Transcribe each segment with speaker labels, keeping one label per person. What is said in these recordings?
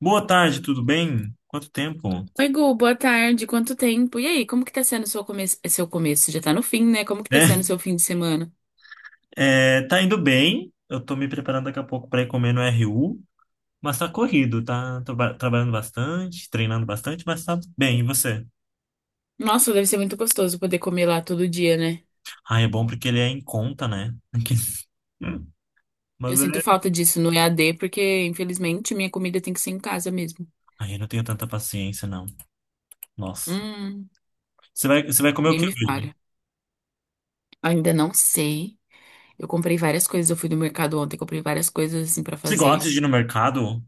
Speaker 1: Boa tarde, tudo bem? Quanto tempo?
Speaker 2: Oi, Gu, boa tarde. Quanto tempo? E aí, como que tá sendo seu começo? Seu começo já tá no fim, né? Como que tá
Speaker 1: Né?
Speaker 2: sendo seu fim de semana?
Speaker 1: É, tá indo bem. Eu tô me preparando daqui a pouco para ir comer no RU, mas tá corrido, tá? Tô trabalhando bastante, treinando bastante, mas tá bem. E você?
Speaker 2: Nossa, deve ser muito gostoso poder comer lá todo dia, né?
Speaker 1: Ah, é bom porque ele é em conta, né? Mas
Speaker 2: Eu sinto
Speaker 1: é.
Speaker 2: falta disso no EAD, porque infelizmente minha comida tem que ser em casa mesmo.
Speaker 1: Ai, eu não tenho tanta paciência, não. Nossa.
Speaker 2: Hum,
Speaker 1: Você vai comer o
Speaker 2: nem
Speaker 1: que
Speaker 2: me
Speaker 1: hoje?
Speaker 2: falha. Ainda não sei. Eu comprei várias coisas, eu fui no mercado ontem, comprei várias coisas assim pra
Speaker 1: Você gosta
Speaker 2: fazer.
Speaker 1: de ir no mercado?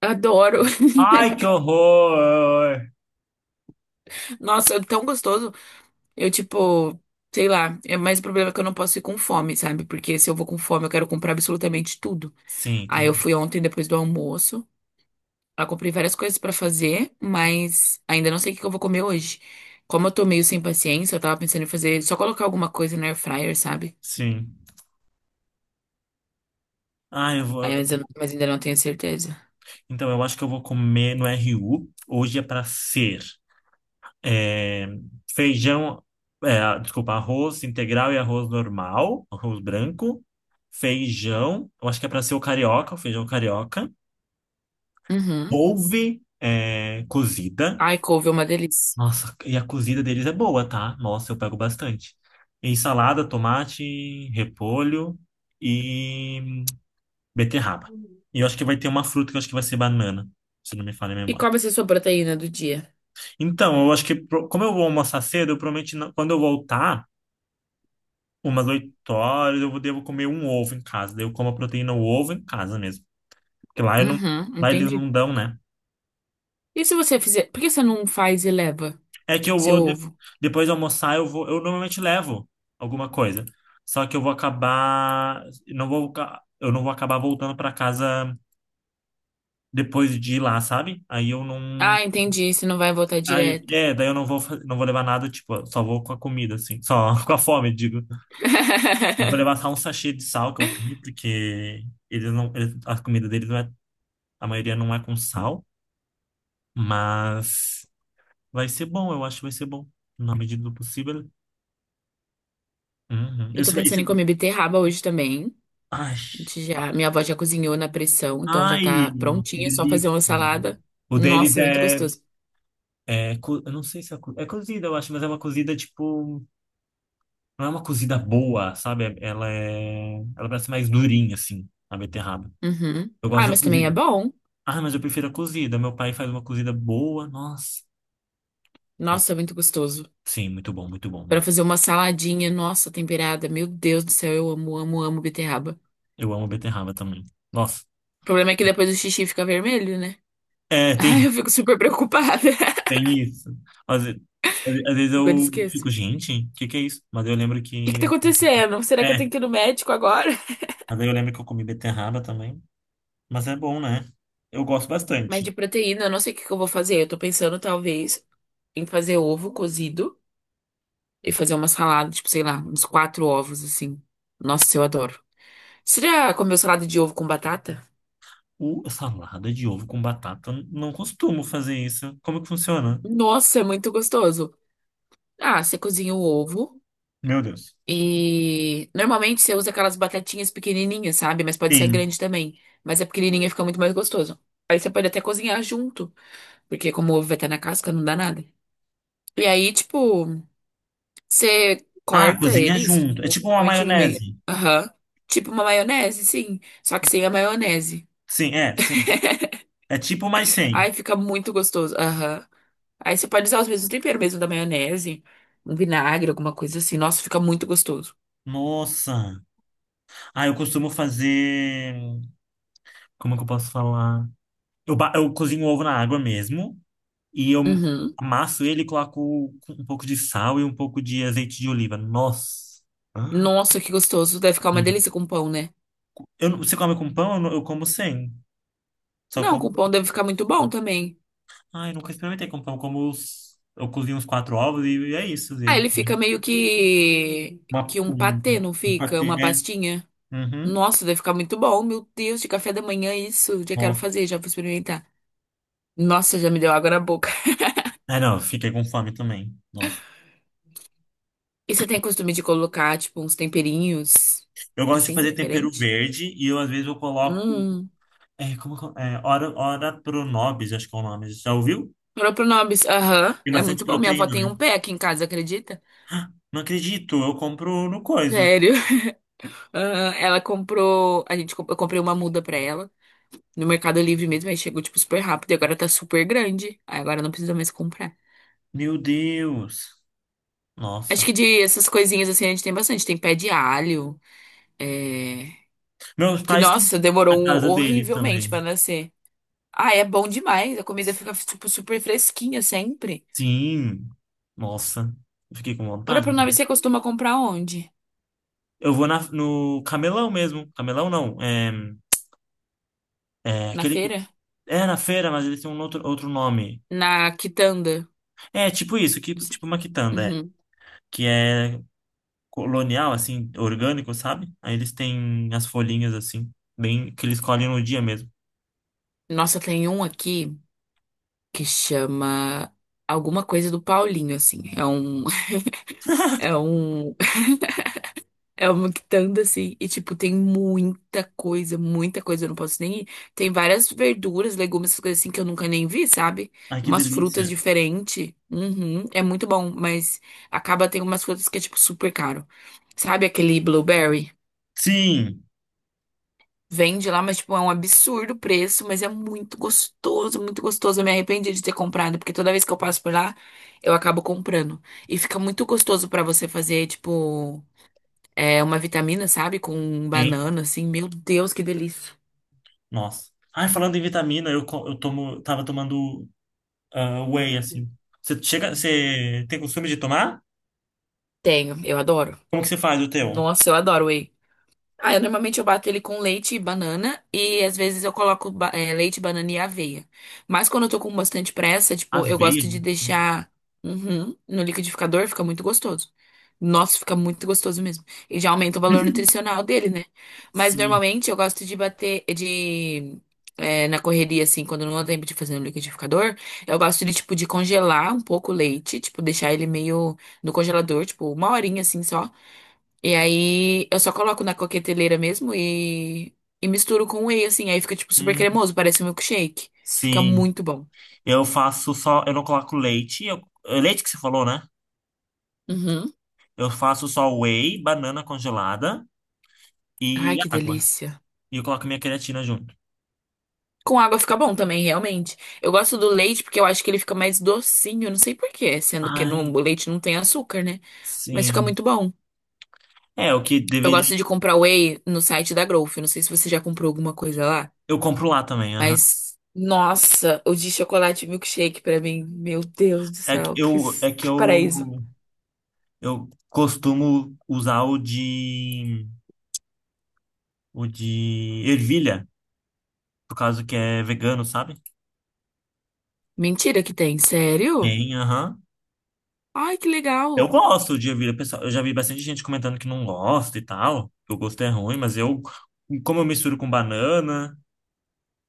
Speaker 2: Adoro.
Speaker 1: Ai, que horror!
Speaker 2: Nossa, é tão gostoso. Eu tipo, sei lá, é mais o problema é que eu não posso ir com fome, sabe? Porque se eu vou com fome, eu quero comprar absolutamente tudo.
Speaker 1: Sim,
Speaker 2: Aí eu
Speaker 1: tem.
Speaker 2: fui ontem depois do almoço. Eu comprei várias coisas pra fazer, mas ainda não sei o que que eu vou comer hoje. Como eu tô meio sem paciência, eu tava pensando em fazer só colocar alguma coisa na air fryer, sabe?
Speaker 1: Sim. Ah, eu vou.
Speaker 2: Aí, mas, mas ainda não tenho certeza.
Speaker 1: Então, eu acho que eu vou comer no RU. Hoje é pra ser. É, feijão, é, desculpa, arroz integral e arroz normal, arroz branco, feijão, eu acho que é para ser o carioca, o feijão carioca,
Speaker 2: Uhum.
Speaker 1: couve é, cozida,
Speaker 2: Ai, couve é uma delícia.
Speaker 1: nossa, e a cozida deles é boa, tá? Nossa, eu pego bastante. E salada, tomate, repolho e beterraba. E eu acho que vai ter uma fruta que eu acho que vai ser banana, se não me falha a
Speaker 2: E
Speaker 1: memória.
Speaker 2: qual vai ser a sua proteína do dia?
Speaker 1: Então, eu acho que, como eu vou almoçar cedo, eu prometi, quando eu voltar, umas 8h, devo comer um ovo em casa. Daí eu como a proteína, o ovo em casa mesmo. Porque lá eu não,
Speaker 2: Uhum,
Speaker 1: lá eles
Speaker 2: entendi.
Speaker 1: não dão, né?
Speaker 2: E se você fizer, por que você não faz e leva
Speaker 1: É que eu
Speaker 2: seu ovo?
Speaker 1: depois de almoçar, eu normalmente levo alguma coisa. Só que eu vou acabar, não vou, eu não vou acabar voltando para casa depois de ir lá, sabe? Aí eu não.
Speaker 2: Ah, entendi, você não vai voltar
Speaker 1: Aí,
Speaker 2: direto.
Speaker 1: é, daí eu não vou, não vou levar nada, tipo, só vou com a comida, assim, só com a fome, digo. Eu vou levar só um sachê de sal que eu tenho, porque eles não, a comida deles não é a maioria não é com sal. Mas vai ser bom, eu acho que vai ser bom. Na medida do possível. Uhum.
Speaker 2: Eu tô
Speaker 1: Isso,
Speaker 2: pensando
Speaker 1: é,
Speaker 2: em comer beterraba hoje também.
Speaker 1: ai,
Speaker 2: Já, minha avó já cozinhou na pressão, então já
Speaker 1: ai,
Speaker 2: tá
Speaker 1: que
Speaker 2: prontinha, é só fazer uma
Speaker 1: delícia.
Speaker 2: salada.
Speaker 1: O deles
Speaker 2: Nossa, muito
Speaker 1: é,
Speaker 2: gostoso.
Speaker 1: é, co- eu não sei se é cozida, eu acho, mas é uma cozida tipo, não é uma cozida boa, sabe? Ela parece mais durinha assim, a beterraba.
Speaker 2: Uhum.
Speaker 1: Eu
Speaker 2: Ah,
Speaker 1: gosto da
Speaker 2: mas também é
Speaker 1: cozida.
Speaker 2: bom.
Speaker 1: Ah, mas eu prefiro a cozida. Meu pai faz uma cozida boa, nossa. Nossa,
Speaker 2: Nossa, muito gostoso.
Speaker 1: sim, muito bom
Speaker 2: Pra
Speaker 1: mesmo.
Speaker 2: fazer uma saladinha, nossa, temperada. Meu Deus do céu, eu amo, amo, amo beterraba.
Speaker 1: Eu amo beterraba também. Nossa.
Speaker 2: O problema é que depois o xixi fica vermelho, né?
Speaker 1: É,
Speaker 2: Ai,
Speaker 1: tem
Speaker 2: eu fico super preocupada.
Speaker 1: Tem isso. Às vezes, às vezes,
Speaker 2: Super
Speaker 1: eu
Speaker 2: esqueço.
Speaker 1: fico,
Speaker 2: O
Speaker 1: gente, o que que é isso? Mas eu lembro
Speaker 2: que que
Speaker 1: que.
Speaker 2: tá acontecendo? Será que eu
Speaker 1: É,
Speaker 2: tenho que ir no médico agora?
Speaker 1: mas aí eu lembro que eu comi beterraba também. Mas é bom, né? Eu gosto
Speaker 2: Mas de
Speaker 1: bastante.
Speaker 2: proteína, eu não sei o que que eu vou fazer. Eu tô pensando, talvez, em fazer ovo cozido. E fazer uma salada, tipo, sei lá, uns quatro ovos, assim. Nossa, eu adoro. Você já comeu salada de ovo com batata?
Speaker 1: O salada de ovo com batata, eu não costumo fazer isso. Como que funciona?
Speaker 2: Nossa, é muito gostoso. Ah, você cozinha o ovo
Speaker 1: Meu Deus.
Speaker 2: e normalmente você usa aquelas batatinhas pequenininhas, sabe? Mas pode ser
Speaker 1: Sim.
Speaker 2: grande também. Mas a pequenininha fica muito mais gostoso. Aí você pode até cozinhar junto, porque como o ovo vai estar na casca, não dá nada. E aí, tipo, você
Speaker 1: Ah,
Speaker 2: corta
Speaker 1: cozinha
Speaker 2: eles,
Speaker 1: junto. É
Speaker 2: tipo,
Speaker 1: tipo uma
Speaker 2: normalmente no meio.
Speaker 1: maionese.
Speaker 2: Aham. Tipo uma maionese, sim. Só que sem a maionese.
Speaker 1: Sim. É tipo mais sem.
Speaker 2: Ai, fica muito gostoso. Aham. Aí você pode usar os mesmos temperos mesmo da maionese, um vinagre, alguma coisa assim. Nossa, fica muito gostoso.
Speaker 1: Nossa. Ah, eu costumo fazer. Como é que eu posso falar? Eu cozinho ovo na água mesmo. E eu
Speaker 2: Uhum.
Speaker 1: amasso ele e coloco um pouco de sal e um pouco de azeite de oliva. Nossa! Ah,
Speaker 2: Nossa, que gostoso. Deve ficar uma delícia com pão, né?
Speaker 1: Eu, não- você come com pão? Eu como sem. Só
Speaker 2: Não,
Speaker 1: como.
Speaker 2: com pão deve ficar muito bom também.
Speaker 1: Ai, nunca experimentei com pão. Como os, eu cozinho uns quatro ovos e é isso. às
Speaker 2: Ah,
Speaker 1: vezes.
Speaker 2: ele fica meio que
Speaker 1: Uma,
Speaker 2: que um patê,
Speaker 1: um,
Speaker 2: não
Speaker 1: um
Speaker 2: fica?
Speaker 1: patê,
Speaker 2: Uma
Speaker 1: né?
Speaker 2: pastinha.
Speaker 1: Uhum.
Speaker 2: Nossa, deve ficar muito bom. Meu Deus, de café da manhã isso. Já quero
Speaker 1: Nossa.
Speaker 2: fazer, já vou experimentar. Nossa, já me deu água na boca.
Speaker 1: Ah, não, eu fiquei com fome também. Nossa.
Speaker 2: E você tem costume de colocar, tipo, uns temperinhos
Speaker 1: Eu gosto de
Speaker 2: assim,
Speaker 1: fazer tempero
Speaker 2: diferente?
Speaker 1: verde e eu, às vezes, eu coloco.
Speaker 2: Hum.
Speaker 1: É, como, é, ora pronobis, acho que é o nome. Já ouviu?
Speaker 2: Propronobis, aham,
Speaker 1: Tem
Speaker 2: é
Speaker 1: bastante
Speaker 2: muito bom. Minha avó
Speaker 1: proteína,
Speaker 2: tem
Speaker 1: né?
Speaker 2: um pé aqui em casa, acredita?
Speaker 1: Não acredito, eu compro no coisa.
Speaker 2: Sério. Aham, ela comprou, eu comprei uma muda pra ela no Mercado Livre mesmo, aí chegou tipo super rápido e agora tá super grande. Aí agora não precisa mais comprar.
Speaker 1: Meu Deus.
Speaker 2: Acho
Speaker 1: Nossa.
Speaker 2: que de essas coisinhas assim a gente tem bastante. Tem pé de alho, é,
Speaker 1: Meus
Speaker 2: que
Speaker 1: pais têm
Speaker 2: nossa,
Speaker 1: na casa dele
Speaker 2: horrivelmente
Speaker 1: também.
Speaker 2: pra nascer. Ah, é bom demais. A comida fica tipo super fresquinha sempre.
Speaker 1: Sim. Nossa. Eu fiquei com vontade.
Speaker 2: Propronobis, você costuma comprar onde?
Speaker 1: Eu vou no camelão mesmo. Camelão não. É
Speaker 2: Na
Speaker 1: aquele que.
Speaker 2: feira?
Speaker 1: É na feira, mas ele tem um outro nome.
Speaker 2: Na quitanda?
Speaker 1: É tipo isso, que,
Speaker 2: Não sei.
Speaker 1: tipo uma quitanda, é.
Speaker 2: Uhum.
Speaker 1: Que é colonial, assim, orgânico, sabe? Aí eles têm as folhinhas assim, bem que eles colhem no dia mesmo.
Speaker 2: Nossa, tem um aqui que chama alguma coisa do Paulinho, assim. É um, é uma quitanda, assim. E, tipo, tem muita coisa, muita coisa. Eu não posso nem ir. Tem várias verduras, legumes, essas coisas assim que eu nunca nem vi, sabe?
Speaker 1: Ai, que
Speaker 2: Umas frutas
Speaker 1: delícia.
Speaker 2: diferentes. Uhum, é muito bom, mas acaba tem umas frutas que é, tipo, super caro. Sabe aquele blueberry?
Speaker 1: Sim.
Speaker 2: Vende lá, mas, tipo, é um absurdo o preço, mas é muito gostoso, muito gostoso. Eu me arrependi de ter comprado, porque toda vez que eu passo por lá, eu acabo comprando. E fica muito gostoso pra você fazer, tipo, é, uma vitamina, sabe? Com
Speaker 1: Sim.
Speaker 2: banana, assim. Meu Deus, que delícia.
Speaker 1: Nossa. Ai, falando em vitamina, eu tomo, tava tomando whey, assim. Você chega, você tem costume de tomar?
Speaker 2: Tenho, eu adoro.
Speaker 1: Como que você faz o teu?
Speaker 2: Nossa, eu adoro whey. Ah, eu normalmente eu bato ele com leite e banana e às vezes eu coloco leite, banana e aveia. Mas quando eu tô com bastante pressa, tipo, eu gosto
Speaker 1: Aveia?
Speaker 2: de deixar uhum, no liquidificador, fica muito gostoso. Nossa, fica muito gostoso mesmo. E já aumenta o valor nutricional dele, né? Mas
Speaker 1: Sim.
Speaker 2: normalmente eu gosto de bater na correria assim, quando não dá tempo de fazer no liquidificador, eu gosto de tipo de congelar um pouco o leite, tipo deixar ele meio no congelador, tipo uma horinha assim só. E aí eu só coloco na coqueteleira mesmo e misturo com whey, assim. Aí fica, tipo, super
Speaker 1: Hum,
Speaker 2: cremoso, parece um milkshake. Fica
Speaker 1: sim.
Speaker 2: muito bom.
Speaker 1: Eu faço só, eu não coloco leite. É leite que você falou, né?
Speaker 2: Uhum.
Speaker 1: Eu faço só whey, banana congelada e
Speaker 2: Ai, que
Speaker 1: água.
Speaker 2: delícia.
Speaker 1: E eu coloco minha creatina junto.
Speaker 2: Com água fica bom também, realmente. Eu gosto do leite porque eu acho que ele fica mais docinho, não sei por quê, sendo que
Speaker 1: Ai,
Speaker 2: o leite não tem açúcar, né? Mas fica
Speaker 1: sim.
Speaker 2: muito bom.
Speaker 1: É, o que
Speaker 2: Eu
Speaker 1: deveria.
Speaker 2: gosto de comprar whey no site da Growth. Não sei se você já comprou alguma coisa lá,
Speaker 1: Eu compro lá também, aham.
Speaker 2: mas nossa, o de chocolate milkshake pra mim, meu Deus do céu,
Speaker 1: É que
Speaker 2: que paraíso.
Speaker 1: eu costumo usar o de ervilha, por causa que é vegano, sabe?
Speaker 2: Mentira que tem, sério?
Speaker 1: Tem, aham.
Speaker 2: Ai, que
Speaker 1: Eu
Speaker 2: legal.
Speaker 1: gosto de ervilha, pessoal. Eu já vi bastante gente comentando que não gosta e tal, que o gosto é ruim, mas eu, como eu misturo com banana,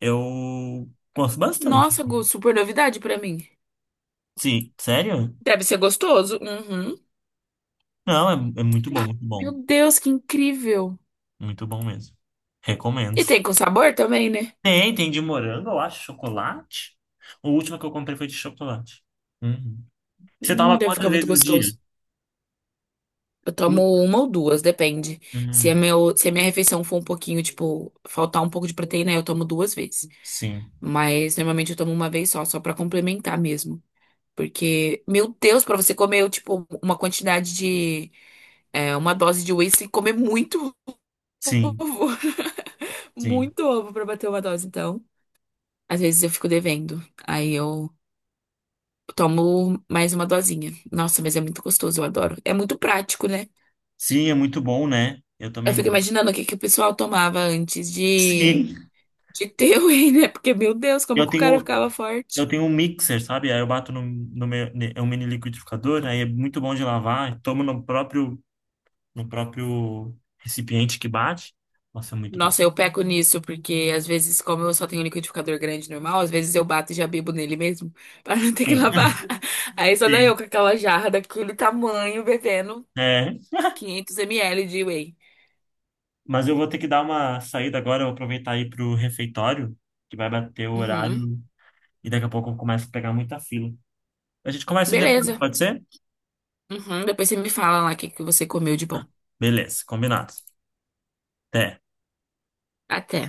Speaker 1: eu gosto bastante.
Speaker 2: Nossa, Gu, super novidade pra mim.
Speaker 1: Sim, sério?
Speaker 2: Deve ser gostoso. Uhum.
Speaker 1: Não, é muito bom, muito
Speaker 2: Meu
Speaker 1: bom.
Speaker 2: Deus, que incrível.
Speaker 1: Muito bom mesmo. Recomendo.
Speaker 2: E tem com sabor também, né?
Speaker 1: Tem de morango, eu acho, chocolate. O último que eu comprei foi de chocolate. Uhum. Você toma
Speaker 2: Deve
Speaker 1: quantas
Speaker 2: ficar muito
Speaker 1: vezes no dia?
Speaker 2: gostoso. Eu tomo uma ou duas, depende.
Speaker 1: Hum,
Speaker 2: Se a minha refeição for um pouquinho, tipo, faltar um pouco de proteína, eu tomo duas vezes.
Speaker 1: sim,
Speaker 2: Mas normalmente eu tomo uma vez só, só pra complementar mesmo. Porque, meu Deus, pra você comer, tipo, uma quantidade de. É, uma dose de whey sem comer muito
Speaker 1: sim,
Speaker 2: ovo.
Speaker 1: sim.
Speaker 2: Muito ovo pra bater uma dose, então. Às vezes eu fico devendo. Aí eu tomo mais uma dosinha. Nossa, mas é muito gostoso, eu adoro. É muito prático, né?
Speaker 1: Sim, é muito bom, né? Eu
Speaker 2: Eu
Speaker 1: também
Speaker 2: fico
Speaker 1: gosto.
Speaker 2: imaginando o que que o pessoal tomava antes
Speaker 1: Sim.
Speaker 2: de ter o whey, né? Porque, meu Deus, como
Speaker 1: Eu
Speaker 2: que o cara
Speaker 1: tenho,
Speaker 2: ficava
Speaker 1: eu
Speaker 2: forte.
Speaker 1: tenho um mixer, sabe? Aí eu bato no meu, é um mini liquidificador, aí é muito bom de lavar, tomo no próprio recipiente que bate. Nossa, é muito bom.
Speaker 2: Nossa, eu peco nisso, porque às vezes, como eu só tenho um liquidificador grande normal, às vezes eu bato e já bebo nele mesmo, pra não ter que
Speaker 1: Sim.
Speaker 2: lavar. Aí só dá
Speaker 1: Sim.
Speaker 2: eu com aquela jarra daquele tamanho, bebendo
Speaker 1: É,
Speaker 2: 500 ml de whey.
Speaker 1: mas eu vou ter que dar uma saída agora, eu vou aproveitar aí pro refeitório, que vai bater o
Speaker 2: Uhum.
Speaker 1: horário e daqui a pouco eu começo a pegar muita fila. A gente começa depois,
Speaker 2: Beleza.
Speaker 1: pode ser?
Speaker 2: Uhum, depois você me fala lá o que que você comeu de bom.
Speaker 1: Beleza, combinado. Até.
Speaker 2: Até.